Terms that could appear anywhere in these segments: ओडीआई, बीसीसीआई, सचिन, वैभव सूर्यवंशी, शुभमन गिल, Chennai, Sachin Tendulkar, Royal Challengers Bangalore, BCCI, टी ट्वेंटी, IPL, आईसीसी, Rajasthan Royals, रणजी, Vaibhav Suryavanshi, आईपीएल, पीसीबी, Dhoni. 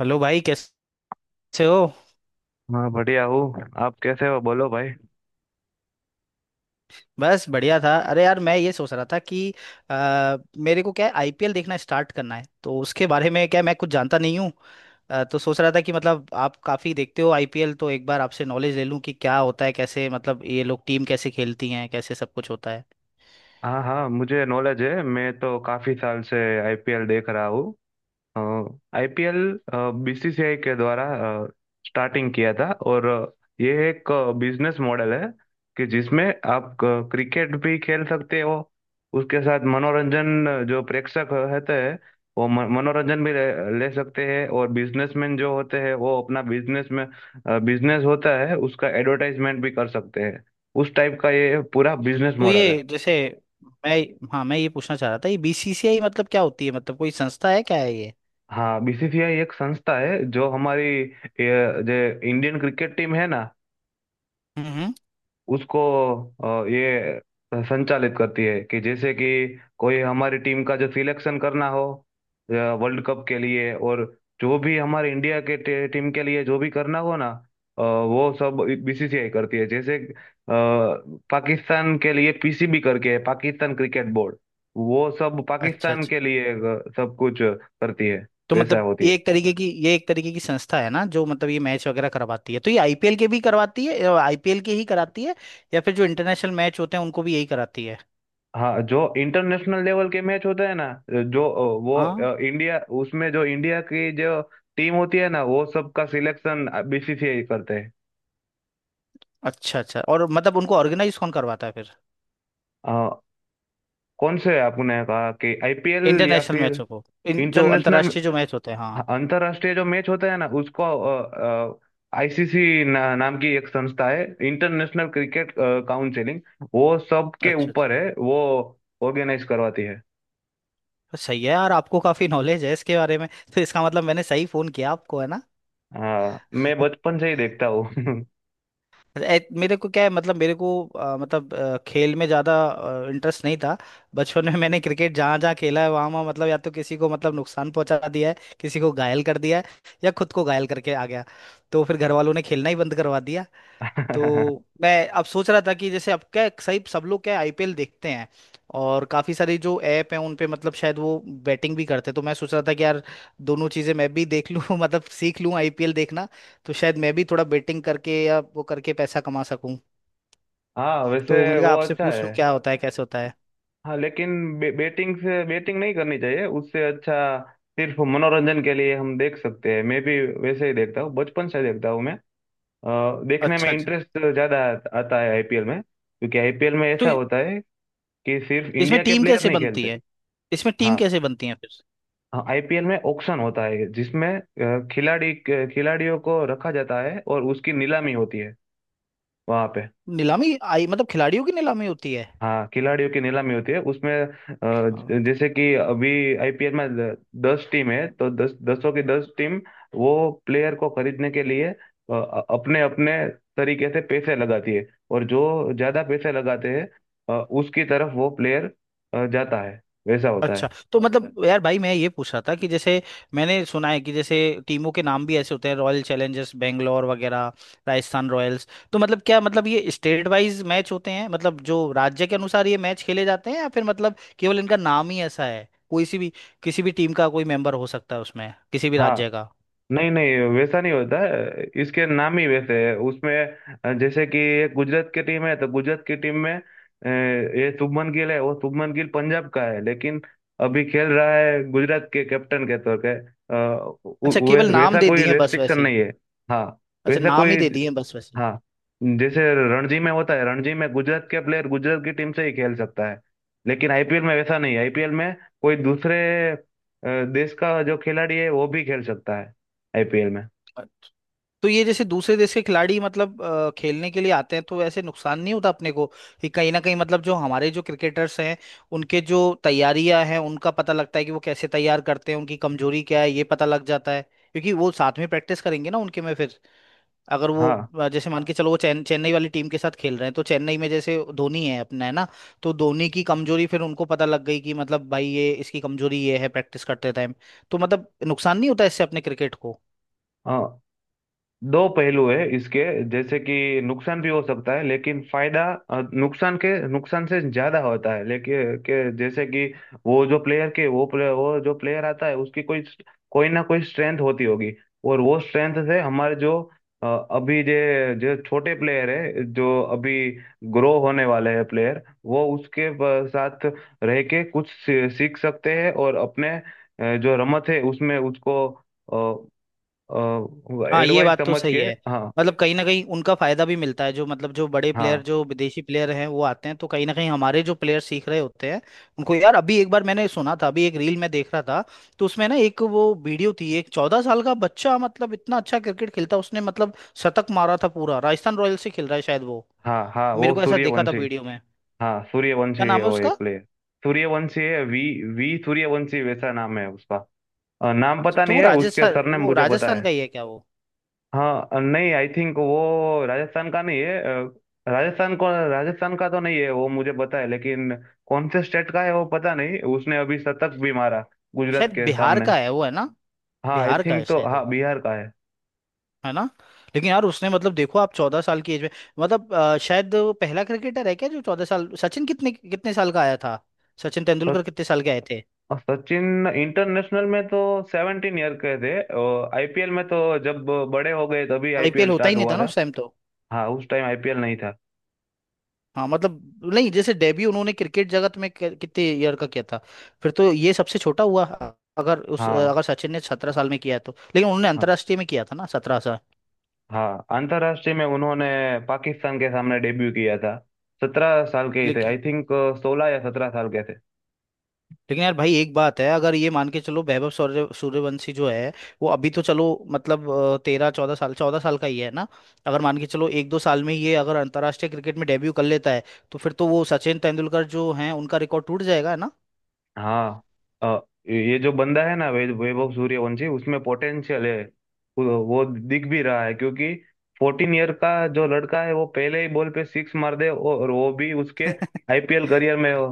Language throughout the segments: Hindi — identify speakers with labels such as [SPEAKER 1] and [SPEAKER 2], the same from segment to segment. [SPEAKER 1] हेलो भाई, कैसे हो।
[SPEAKER 2] हाँ बढ़िया हूँ। आप कैसे हो, बोलो भाई।
[SPEAKER 1] बस बढ़िया था। अरे यार, मैं ये सोच रहा था कि अ, मेरे को क्या है, आईपीएल देखना स्टार्ट करना है तो उसके बारे में क्या है, मैं कुछ जानता नहीं हूँ। तो सोच रहा था कि मतलब आप काफ़ी देखते हो आईपीएल, तो एक बार आपसे नॉलेज ले लूँ कि क्या होता है, कैसे मतलब ये लोग टीम कैसे खेलती हैं, कैसे सब कुछ होता है।
[SPEAKER 2] हाँ हाँ, मुझे नॉलेज है। मैं तो काफी साल से आईपीएल देख रहा हूँ। आईपीएल बीसीसीआई के द्वारा स्टार्टिंग किया था, और ये एक बिजनेस मॉडल है कि जिसमें आप क्रिकेट भी खेल सकते हो। उसके साथ मनोरंजन, जो प्रेक्षक होते हैं वो मनोरंजन भी ले सकते हैं, और बिजनेसमैन जो होते हैं वो अपना बिजनेस में, बिजनेस होता है उसका एडवर्टाइजमेंट भी कर सकते हैं। उस टाइप का ये पूरा बिजनेस
[SPEAKER 1] तो
[SPEAKER 2] मॉडल है।
[SPEAKER 1] ये जैसे मैं, हाँ मैं ये पूछना चाह रहा था, ये बीसीसीआई मतलब क्या होती है, मतलब कोई संस्था है क्या है ये।
[SPEAKER 2] हाँ, बीसीसीआई एक संस्था है जो हमारी जो इंडियन क्रिकेट टीम है ना
[SPEAKER 1] हम्म।
[SPEAKER 2] उसको ये संचालित करती है। कि जैसे कि कोई हमारी टीम का जो सिलेक्शन करना हो वर्ल्ड कप के लिए, और जो भी हमारे इंडिया के टीम के लिए जो भी करना हो ना, वो सब बीसीसीआई करती है। जैसे पाकिस्तान के लिए पीसीबी करके है, पाकिस्तान क्रिकेट बोर्ड। वो सब
[SPEAKER 1] अच्छा
[SPEAKER 2] पाकिस्तान
[SPEAKER 1] अच्छा।
[SPEAKER 2] के लिए सब कुछ करती है।
[SPEAKER 1] तो
[SPEAKER 2] वैसा
[SPEAKER 1] मतलब
[SPEAKER 2] होती
[SPEAKER 1] ये
[SPEAKER 2] है।
[SPEAKER 1] एक तरीके की ये एक तरीके की संस्था है ना, जो मतलब ये मैच वगैरह करवाती है, तो ये आईपीएल के भी करवाती है, आईपीएल के ही कराती है या फिर जो इंटरनेशनल मैच होते हैं उनको भी यही कराती है।
[SPEAKER 2] हाँ, जो इंटरनेशनल लेवल के मैच होते हैं ना, जो अ, वो
[SPEAKER 1] हाँ।
[SPEAKER 2] अ, इंडिया उसमें जो इंडिया की जो टीम होती है ना वो सबका सिलेक्शन बीसीसीआई करते हैं।
[SPEAKER 1] अच्छा अच्छा, और मतलब उनको ऑर्गेनाइज कौन करवाता है फिर,
[SPEAKER 2] अ, कौन से, आपने कहा कि आईपीएल या
[SPEAKER 1] इंटरनेशनल
[SPEAKER 2] फिर
[SPEAKER 1] मैचों को, इन जो
[SPEAKER 2] इंटरनेशनल?
[SPEAKER 1] अंतर्राष्ट्रीय जो मैच होते हैं, हाँ।
[SPEAKER 2] अंतरराष्ट्रीय जो मैच होता है ना उसको आईसीसी ना, नाम की एक संस्था है, इंटरनेशनल क्रिकेट काउंसिलिंग। वो सबके
[SPEAKER 1] अच्छा अच्छा।
[SPEAKER 2] ऊपर है, वो ऑर्गेनाइज करवाती है।
[SPEAKER 1] सही है यार, आपको काफी नॉलेज है इसके बारे में, तो इसका मतलब मैंने सही फोन किया आपको, है ना।
[SPEAKER 2] हाँ, मैं बचपन से ही देखता हूँ।
[SPEAKER 1] मेरे को क्या है, मतलब मेरे को खेल में ज़्यादा इंटरेस्ट नहीं था। बचपन में मैंने क्रिकेट जहाँ जहाँ खेला है वहाँ वहाँ मतलब या तो किसी को मतलब नुकसान पहुंचा दिया है, किसी को घायल कर दिया है या खुद को घायल करके आ गया। तो फिर घर वालों ने खेलना ही बंद करवा दिया। तो मैं अब सोच रहा था कि जैसे अब क्या, सही सब लोग क्या आईपीएल देखते हैं, और काफ़ी सारी जो ऐप हैं उन पे मतलब शायद वो बैटिंग भी करते हैं, तो मैं सोच रहा था कि यार दोनों चीज़ें मैं भी देख लूँ मतलब सीख लूँ आईपीएल देखना, तो शायद मैं भी थोड़ा बैटिंग करके या वो करके पैसा कमा सकूँ,
[SPEAKER 2] हाँ,
[SPEAKER 1] तो
[SPEAKER 2] वैसे
[SPEAKER 1] मैंने कहा
[SPEAKER 2] वो
[SPEAKER 1] आपसे
[SPEAKER 2] अच्छा
[SPEAKER 1] पूछ लूँ
[SPEAKER 2] है।
[SPEAKER 1] क्या होता है कैसे होता है।
[SPEAKER 2] हाँ लेकिन बेटिंग से बेटिंग नहीं करनी चाहिए। उससे अच्छा सिर्फ मनोरंजन के लिए हम देख सकते हैं। मैं भी वैसे ही देखता हूँ, बचपन से देखता हूँ मैं। देखने में
[SPEAKER 1] अच्छा अच्छा।
[SPEAKER 2] इंटरेस्ट ज़्यादा आता है आईपीएल में, क्योंकि आईपीएल में
[SPEAKER 1] तो
[SPEAKER 2] ऐसा होता है कि सिर्फ
[SPEAKER 1] इसमें
[SPEAKER 2] इंडिया के
[SPEAKER 1] टीम
[SPEAKER 2] प्लेयर
[SPEAKER 1] कैसे
[SPEAKER 2] नहीं
[SPEAKER 1] बनती
[SPEAKER 2] खेलते।
[SPEAKER 1] है इसमें टीम
[SPEAKER 2] हाँ,
[SPEAKER 1] कैसे बनती है फिर।
[SPEAKER 2] आईपीएल में ऑक्शन होता है जिसमें खिलाड़ी खिलाड़ियों को रखा जाता है और उसकी नीलामी होती है वहाँ पे।
[SPEAKER 1] नीलामी आई, मतलब खिलाड़ियों की नीलामी होती है।
[SPEAKER 2] हाँ, खिलाड़ियों की नीलामी होती है उसमें। जैसे कि अभी आईपीएल में 10 टीम है, तो दस, दसों की दस टीम वो प्लेयर को खरीदने के लिए अपने अपने तरीके से पैसे लगाती है, और जो ज्यादा पैसे लगाते हैं उसकी तरफ वो प्लेयर जाता है। वैसा होता
[SPEAKER 1] अच्छा।
[SPEAKER 2] है।
[SPEAKER 1] तो मतलब यार भाई, मैं ये पूछ रहा था कि जैसे मैंने सुना है कि जैसे टीमों के नाम भी ऐसे होते हैं, रॉयल चैलेंजर्स बेंगलोर वगैरह, राजस्थान रॉयल्स, तो मतलब क्या मतलब, ये स्टेट वाइज मैच होते हैं मतलब जो राज्य के अनुसार ये मैच खेले जाते हैं, या फिर मतलब केवल इनका नाम ही ऐसा है, कोई सी भी किसी भी टीम का कोई मेंबर हो सकता है उसमें, किसी भी राज्य
[SPEAKER 2] हाँ,
[SPEAKER 1] का।
[SPEAKER 2] नहीं नहीं, वैसा नहीं होता है, इसके नाम ही वैसे है उसमें। जैसे कि एक गुजरात की टीम है, तो गुजरात की टीम में ये शुभमन गिल है। वो शुभमन गिल पंजाब का है लेकिन अभी खेल रहा है गुजरात के कैप्टन के तौर पे।
[SPEAKER 1] अच्छा, केवल नाम
[SPEAKER 2] वैसा
[SPEAKER 1] दे
[SPEAKER 2] कोई
[SPEAKER 1] दिए बस
[SPEAKER 2] रेस्ट्रिक्शन
[SPEAKER 1] वैसे ही।
[SPEAKER 2] नहीं है। हाँ,
[SPEAKER 1] अच्छा,
[SPEAKER 2] वैसा
[SPEAKER 1] नाम ही
[SPEAKER 2] कोई।
[SPEAKER 1] दे दिए बस वैसे
[SPEAKER 2] हाँ, जैसे रणजी में होता है, रणजी में गुजरात के प्लेयर गुजरात की टीम से ही खेल सकता है, लेकिन आईपीएल में वैसा नहीं है। आईपीएल में कोई दूसरे अ, देश का जो खिलाड़ी है वो भी खेल सकता है आईपीएल में।
[SPEAKER 1] ही। तो ये जैसे दूसरे देश के खिलाड़ी मतलब खेलने के लिए आते हैं, तो ऐसे नुकसान नहीं होता अपने को कि कहीं ना कहीं, मतलब जो हमारे जो क्रिकेटर्स हैं उनके जो तैयारियां हैं उनका पता लगता है कि वो कैसे तैयार करते हैं, उनकी कमजोरी क्या है ये पता लग जाता है, क्योंकि वो साथ में प्रैक्टिस करेंगे ना उनके में फिर, अगर वो
[SPEAKER 2] हाँ
[SPEAKER 1] जैसे मान के चलो वो चेन्नई वाली टीम के साथ खेल रहे हैं, तो चेन्नई में जैसे धोनी है अपना, है ना। तो धोनी की कमजोरी फिर उनको पता लग गई कि मतलब भाई ये इसकी कमजोरी ये है प्रैक्टिस करते टाइम, तो मतलब नुकसान नहीं होता इससे अपने क्रिकेट को।
[SPEAKER 2] हाँ, दो पहलू है इसके। जैसे कि नुकसान भी हो सकता है, लेकिन फायदा, नुकसान के, नुकसान से ज्यादा होता है, लेकिन के जैसे कि वो जो प्लेयर आता है उसकी कोई कोई ना कोई स्ट्रेंथ होती होगी। और वो स्ट्रेंथ से हमारे जो अभी जे जो छोटे प्लेयर है जो अभी ग्रो होने वाले हैं प्लेयर, वो उसके साथ रह के कुछ सीख सकते हैं, और अपने जो रमत है उसमें उसको
[SPEAKER 1] हाँ, ये
[SPEAKER 2] एडवाइस
[SPEAKER 1] बात तो
[SPEAKER 2] समझ के।
[SPEAKER 1] सही है।
[SPEAKER 2] हाँ
[SPEAKER 1] मतलब कहीं ना कहीं उनका फायदा भी मिलता है, जो मतलब जो बड़े प्लेयर
[SPEAKER 2] हाँ,
[SPEAKER 1] जो विदेशी प्लेयर हैं वो आते हैं, तो कहीं ना कहीं हमारे जो प्लेयर सीख रहे होते हैं उनको। यार अभी एक बार मैंने सुना था, अभी एक रील में देख रहा था, तो उसमें ना एक वो वीडियो थी, एक चौदह साल का बच्चा मतलब इतना अच्छा क्रिकेट खेलता है, उसने मतलब शतक मारा था पूरा, राजस्थान रॉयल्स से खेल रहा है शायद वो,
[SPEAKER 2] हाँ हाँ,
[SPEAKER 1] मेरे
[SPEAKER 2] वो
[SPEAKER 1] को ऐसा देखा था
[SPEAKER 2] सूर्यवंशी।
[SPEAKER 1] वीडियो में।
[SPEAKER 2] हाँ, सूर्यवंशी
[SPEAKER 1] क्या
[SPEAKER 2] है
[SPEAKER 1] नाम है
[SPEAKER 2] वो, एक
[SPEAKER 1] उसका।
[SPEAKER 2] प्लेयर। सूर्यवंशी है, वी V सूर्यवंशी वैसा नाम है उसका। नाम पता
[SPEAKER 1] तो
[SPEAKER 2] नहीं
[SPEAKER 1] वो
[SPEAKER 2] है उसके,
[SPEAKER 1] राजस्थान,
[SPEAKER 2] सरनेम
[SPEAKER 1] वो
[SPEAKER 2] मुझे पता
[SPEAKER 1] राजस्थान
[SPEAKER 2] है।
[SPEAKER 1] का ही है क्या वो,
[SPEAKER 2] हाँ, नहीं, आई थिंक वो राजस्थान का नहीं है। राजस्थान का तो नहीं है वो, मुझे पता है, लेकिन कौन से स्टेट का है वो पता नहीं। उसने अभी शतक भी मारा गुजरात
[SPEAKER 1] शायद
[SPEAKER 2] के
[SPEAKER 1] बिहार
[SPEAKER 2] सामने।
[SPEAKER 1] का है वो, है ना।
[SPEAKER 2] हाँ, आई
[SPEAKER 1] बिहार का है
[SPEAKER 2] थिंक, तो
[SPEAKER 1] शायद
[SPEAKER 2] हाँ
[SPEAKER 1] वो,
[SPEAKER 2] बिहार का है।
[SPEAKER 1] है ना। लेकिन यार उसने मतलब देखो आप, 14 साल की एज में मतलब शायद वो पहला क्रिकेटर है क्या जो 14 साल, सचिन कितने कितने साल का आया था, सचिन
[SPEAKER 2] तो
[SPEAKER 1] तेंदुलकर कितने साल के आए थे।
[SPEAKER 2] और सचिन इंटरनेशनल में तो 17 ईयर के थे। और आईपीएल में तो जब बड़े हो गए तभी आईपीएल
[SPEAKER 1] आईपीएल होता ही
[SPEAKER 2] स्टार्ट
[SPEAKER 1] नहीं
[SPEAKER 2] हुआ
[SPEAKER 1] था ना
[SPEAKER 2] था।
[SPEAKER 1] उस टाइम तो।
[SPEAKER 2] हाँ, उस टाइम आईपीएल नहीं था।
[SPEAKER 1] हाँ, मतलब नहीं जैसे डेब्यू उन्होंने क्रिकेट जगत में कितने ईयर का किया था, फिर तो ये सबसे छोटा हुआ। अगर उस,
[SPEAKER 2] हाँ
[SPEAKER 1] अगर सचिन ने 17 साल में किया है तो, लेकिन उन्होंने
[SPEAKER 2] हाँ,
[SPEAKER 1] अंतर्राष्ट्रीय में किया था ना 17
[SPEAKER 2] हाँ, अंतर्राष्ट्रीय में उन्होंने पाकिस्तान के सामने डेब्यू किया था। 17 साल के ही थे
[SPEAKER 1] साल।
[SPEAKER 2] आई थिंक, 16 या 17 साल के।
[SPEAKER 1] लेकिन यार भाई एक बात है, अगर ये मान के चलो वैभव सूर्यवंशी जो है, वो अभी तो चलो मतलब 13-14 साल, 14 साल का ही है ना। अगर मान के चलो एक दो साल में ये अगर अंतर्राष्ट्रीय क्रिकेट में डेब्यू कर लेता है तो फिर तो वो सचिन तेंदुलकर जो हैं उनका रिकॉर्ड टूट जाएगा, है ना।
[SPEAKER 2] हाँ, अ, ये जो बंदा है ना वैभव सूर्यवंशी, उसमें पोटेंशियल है। वो दिख भी रहा है क्योंकि 14 ईयर का जो लड़का है वो पहले ही बॉल पे सिक्स मार दे, और वो भी उसके आईपीएल करियर में। वो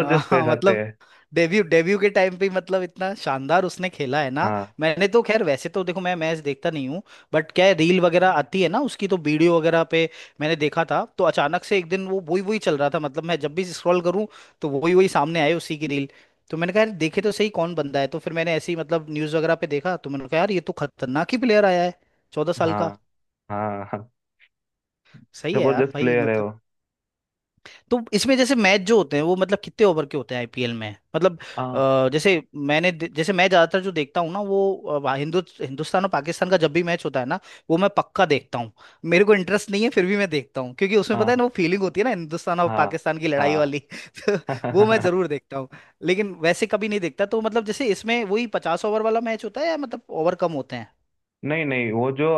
[SPEAKER 1] हाँ
[SPEAKER 2] कह
[SPEAKER 1] हाँ,
[SPEAKER 2] सकते
[SPEAKER 1] मतलब
[SPEAKER 2] हैं।
[SPEAKER 1] डेब्यू, डेब्यू के टाइम पे ही मतलब इतना शानदार उसने खेला है ना।
[SPEAKER 2] हाँ
[SPEAKER 1] मैंने तो खैर वैसे तो देखो मैं मैच देखता नहीं हूँ, बट क्या है रील वगैरह आती है ना उसकी, तो वीडियो वगैरह पे मैंने देखा था, तो अचानक से एक दिन वो वही वही चल रहा था, मतलब मैं जब भी स्क्रॉल करूँ तो वही वही सामने आए उसी की रील, तो मैंने कहा यार देखे तो सही कौन बंदा है, तो फिर मैंने ऐसे ही मतलब न्यूज़ वगैरह पे देखा, तो मैंने कहा यार ये तो खतरनाक ही प्लेयर आया है, 14 साल
[SPEAKER 2] हाँ,
[SPEAKER 1] का।
[SPEAKER 2] हाँ हाँ,
[SPEAKER 1] सही है यार
[SPEAKER 2] जबरदस्त
[SPEAKER 1] भाई
[SPEAKER 2] प्लेयर है
[SPEAKER 1] मतलब।
[SPEAKER 2] वो।
[SPEAKER 1] तो इसमें जैसे मैच जो होते हैं वो मतलब कितने ओवर के होते हैं आईपीएल में मतलब,
[SPEAKER 2] हाँ
[SPEAKER 1] जैसे मैंने जैसे मैं ज्यादातर जो देखता हूँ ना वो हिंदुस्तान और पाकिस्तान का जब भी मैच होता है ना वो मैं पक्का देखता हूँ, मेरे को इंटरेस्ट नहीं है फिर भी मैं देखता हूँ क्योंकि उसमें पता है ना
[SPEAKER 2] हाँ,
[SPEAKER 1] वो फीलिंग होती है ना हिंदुस्तान और
[SPEAKER 2] हाँ
[SPEAKER 1] पाकिस्तान की लड़ाई वाली तो वो मैं
[SPEAKER 2] हाँ।
[SPEAKER 1] जरूर देखता हूँ। लेकिन वैसे कभी नहीं देखता तो मतलब जैसे इसमें वही 50 ओवर वाला मैच होता है या मतलब ओवर कम होते हैं।
[SPEAKER 2] नहीं नहीं, वो जो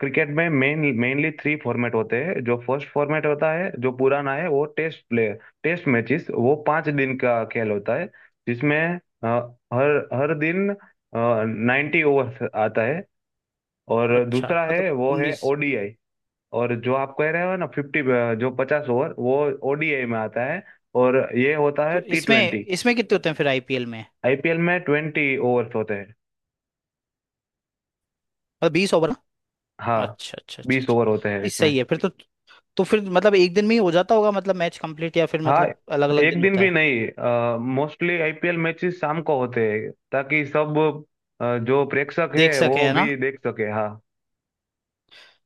[SPEAKER 2] क्रिकेट में मेनली 3 फॉर्मेट होते हैं। जो फर्स्ट फॉर्मेट होता है जो पुराना है वो टेस्ट प्ले, टेस्ट मैचेस, वो 5 दिन का खेल होता है, जिसमें अ, हर हर दिन 90 ओवर्स आता है। और
[SPEAKER 1] अच्छा,
[SPEAKER 2] दूसरा है,
[SPEAKER 1] मतलब
[SPEAKER 2] वो है
[SPEAKER 1] उन्नीस,
[SPEAKER 2] ओडीआई। और जो आप कह रहे हो ना 50, जो 50 ओवर, वो ओडीआई में आता है। और ये होता है
[SPEAKER 1] तो
[SPEAKER 2] टी
[SPEAKER 1] इसमें
[SPEAKER 2] ट्वेंटी
[SPEAKER 1] इसमें कितने होते हैं फिर आईपीएल में।
[SPEAKER 2] आईपीएल में 20 ओवर्स होते हैं।
[SPEAKER 1] मतलब 20 ओवर।
[SPEAKER 2] हाँ,
[SPEAKER 1] अच्छा अच्छा अच्छा
[SPEAKER 2] बीस
[SPEAKER 1] अच्छा,
[SPEAKER 2] ओवर होते हैं
[SPEAKER 1] नहीं
[SPEAKER 2] इसमें।
[SPEAKER 1] सही है फिर तो। तो फिर मतलब एक दिन में ही हो जाता होगा मतलब मैच कंप्लीट, या फिर
[SPEAKER 2] हाँ,
[SPEAKER 1] मतलब अलग अलग
[SPEAKER 2] एक
[SPEAKER 1] दिन
[SPEAKER 2] दिन
[SPEAKER 1] होता
[SPEAKER 2] भी
[SPEAKER 1] है।
[SPEAKER 2] नहीं, मोस्टली आईपीएल मैचेस शाम को होते हैं ताकि सब जो प्रेक्षक
[SPEAKER 1] देख वो
[SPEAKER 2] है
[SPEAKER 1] सके,
[SPEAKER 2] वो
[SPEAKER 1] है ना,
[SPEAKER 2] भी
[SPEAKER 1] बिल्कुल।
[SPEAKER 2] देख सके। हाँ,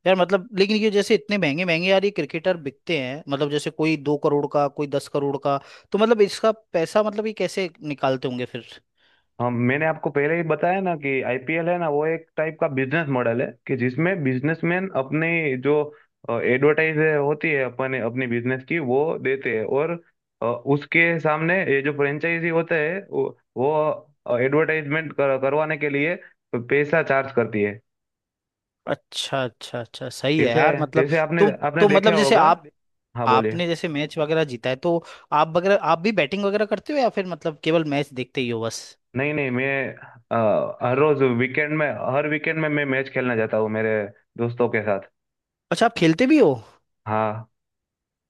[SPEAKER 1] यार मतलब लेकिन ये जैसे इतने महंगे महंगे यार ये क्रिकेटर बिकते हैं, मतलब जैसे कोई 2 करोड़ का कोई 10 करोड़ का, तो मतलब इसका पैसा मतलब ये कैसे निकालते होंगे फिर।
[SPEAKER 2] हम मैंने आपको पहले ही बताया ना कि आईपीएल है ना वो एक टाइप का बिजनेस मॉडल है, कि जिसमें बिजनेसमैन अपने जो एडवर्टाइज होती है, अपने अपनी बिजनेस की वो देते हैं, और उसके सामने ये जो फ्रेंचाइजी होते हैं वो एडवर्टाइजमेंट करवाने के लिए पैसा चार्ज करती है।
[SPEAKER 1] अच्छा अच्छा अच्छा, सही है
[SPEAKER 2] जैसे,
[SPEAKER 1] यार मतलब।
[SPEAKER 2] जैसे आपने
[SPEAKER 1] तुम,
[SPEAKER 2] आपने
[SPEAKER 1] तो
[SPEAKER 2] देखा
[SPEAKER 1] मतलब जैसे
[SPEAKER 2] होगा।
[SPEAKER 1] आप,
[SPEAKER 2] हाँ, बोलिए।
[SPEAKER 1] आपने जैसे मैच वगैरह जीता है तो आप वगैरह आप भी बैटिंग वगैरह करते हो या फिर मतलब केवल मैच देखते ही हो बस।
[SPEAKER 2] नहीं नहीं, मैं अ, हर रोज वीकेंड में हर वीकेंड में मैं मैच खेलना चाहता हूँ मेरे दोस्तों के साथ।
[SPEAKER 1] अच्छा आप खेलते भी हो,
[SPEAKER 2] हाँ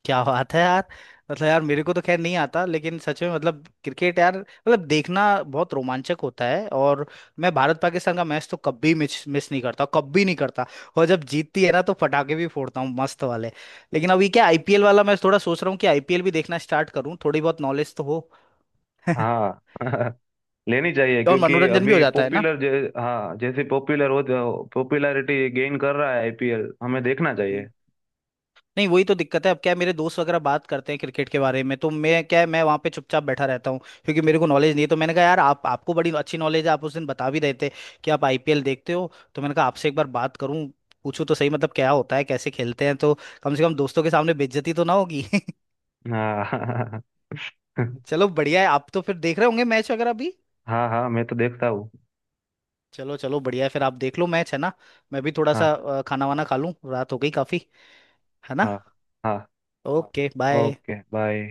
[SPEAKER 1] क्या बात है यार। मतलब यार मेरे को तो खैर नहीं आता, लेकिन सच में मतलब क्रिकेट यार मतलब देखना बहुत रोमांचक होता है, और मैं भारत पाकिस्तान का मैच तो कभी मिस मिस नहीं करता, कभी नहीं करता, और जब जीतती है ना तो पटाखे भी फोड़ता हूँ मस्त वाले। लेकिन अभी क्या आईपीएल वाला मैं थोड़ा सोच रहा हूँ कि आईपीएल भी देखना स्टार्ट करूँ, थोड़ी बहुत नॉलेज तो हो
[SPEAKER 2] हाँ। लेनी चाहिए
[SPEAKER 1] और
[SPEAKER 2] क्योंकि
[SPEAKER 1] मनोरंजन भी हो
[SPEAKER 2] अभी
[SPEAKER 1] जाता है ना।
[SPEAKER 2] पॉपुलर, हाँ, जैसे पॉपुलर हो, पॉपुलैरिटी गेन कर रहा है आईपीएल, हमें देखना चाहिए।
[SPEAKER 1] नहीं वही तो दिक्कत है, अब क्या है, मेरे दोस्त वगैरह बात करते हैं क्रिकेट के बारे में, तो मैं क्या है, मैं वहाँ पे चुपचाप बैठा रहता हूँ, क्योंकि मेरे को नॉलेज नहीं है। तो मैंने कहा यार आप, आपको बड़ी अच्छी नॉलेज है, आप उस दिन बता भी रहे थे कि आप आईपीएल देखते हो, तो मैंने कहा आपसे एक बार बात करूं, पूछूं तो सही मतलब क्या होता है कैसे खेलते हैं, तो कम से कम दोस्तों के सामने बेइज्जती तो ना होगी।
[SPEAKER 2] हाँ।
[SPEAKER 1] चलो बढ़िया है, आप तो फिर देख रहे होंगे मैच वगैरह भी।
[SPEAKER 2] हाँ हाँ, मैं तो देखता हूँ।
[SPEAKER 1] चलो चलो बढ़िया है, फिर आप देख लो मैच, है ना। मैं भी थोड़ा
[SPEAKER 2] हाँ
[SPEAKER 1] सा खाना वाना खा लूं, रात हो गई काफी, है ना।
[SPEAKER 2] हाँ। हाँ,
[SPEAKER 1] ओके बाय।
[SPEAKER 2] Okay bye.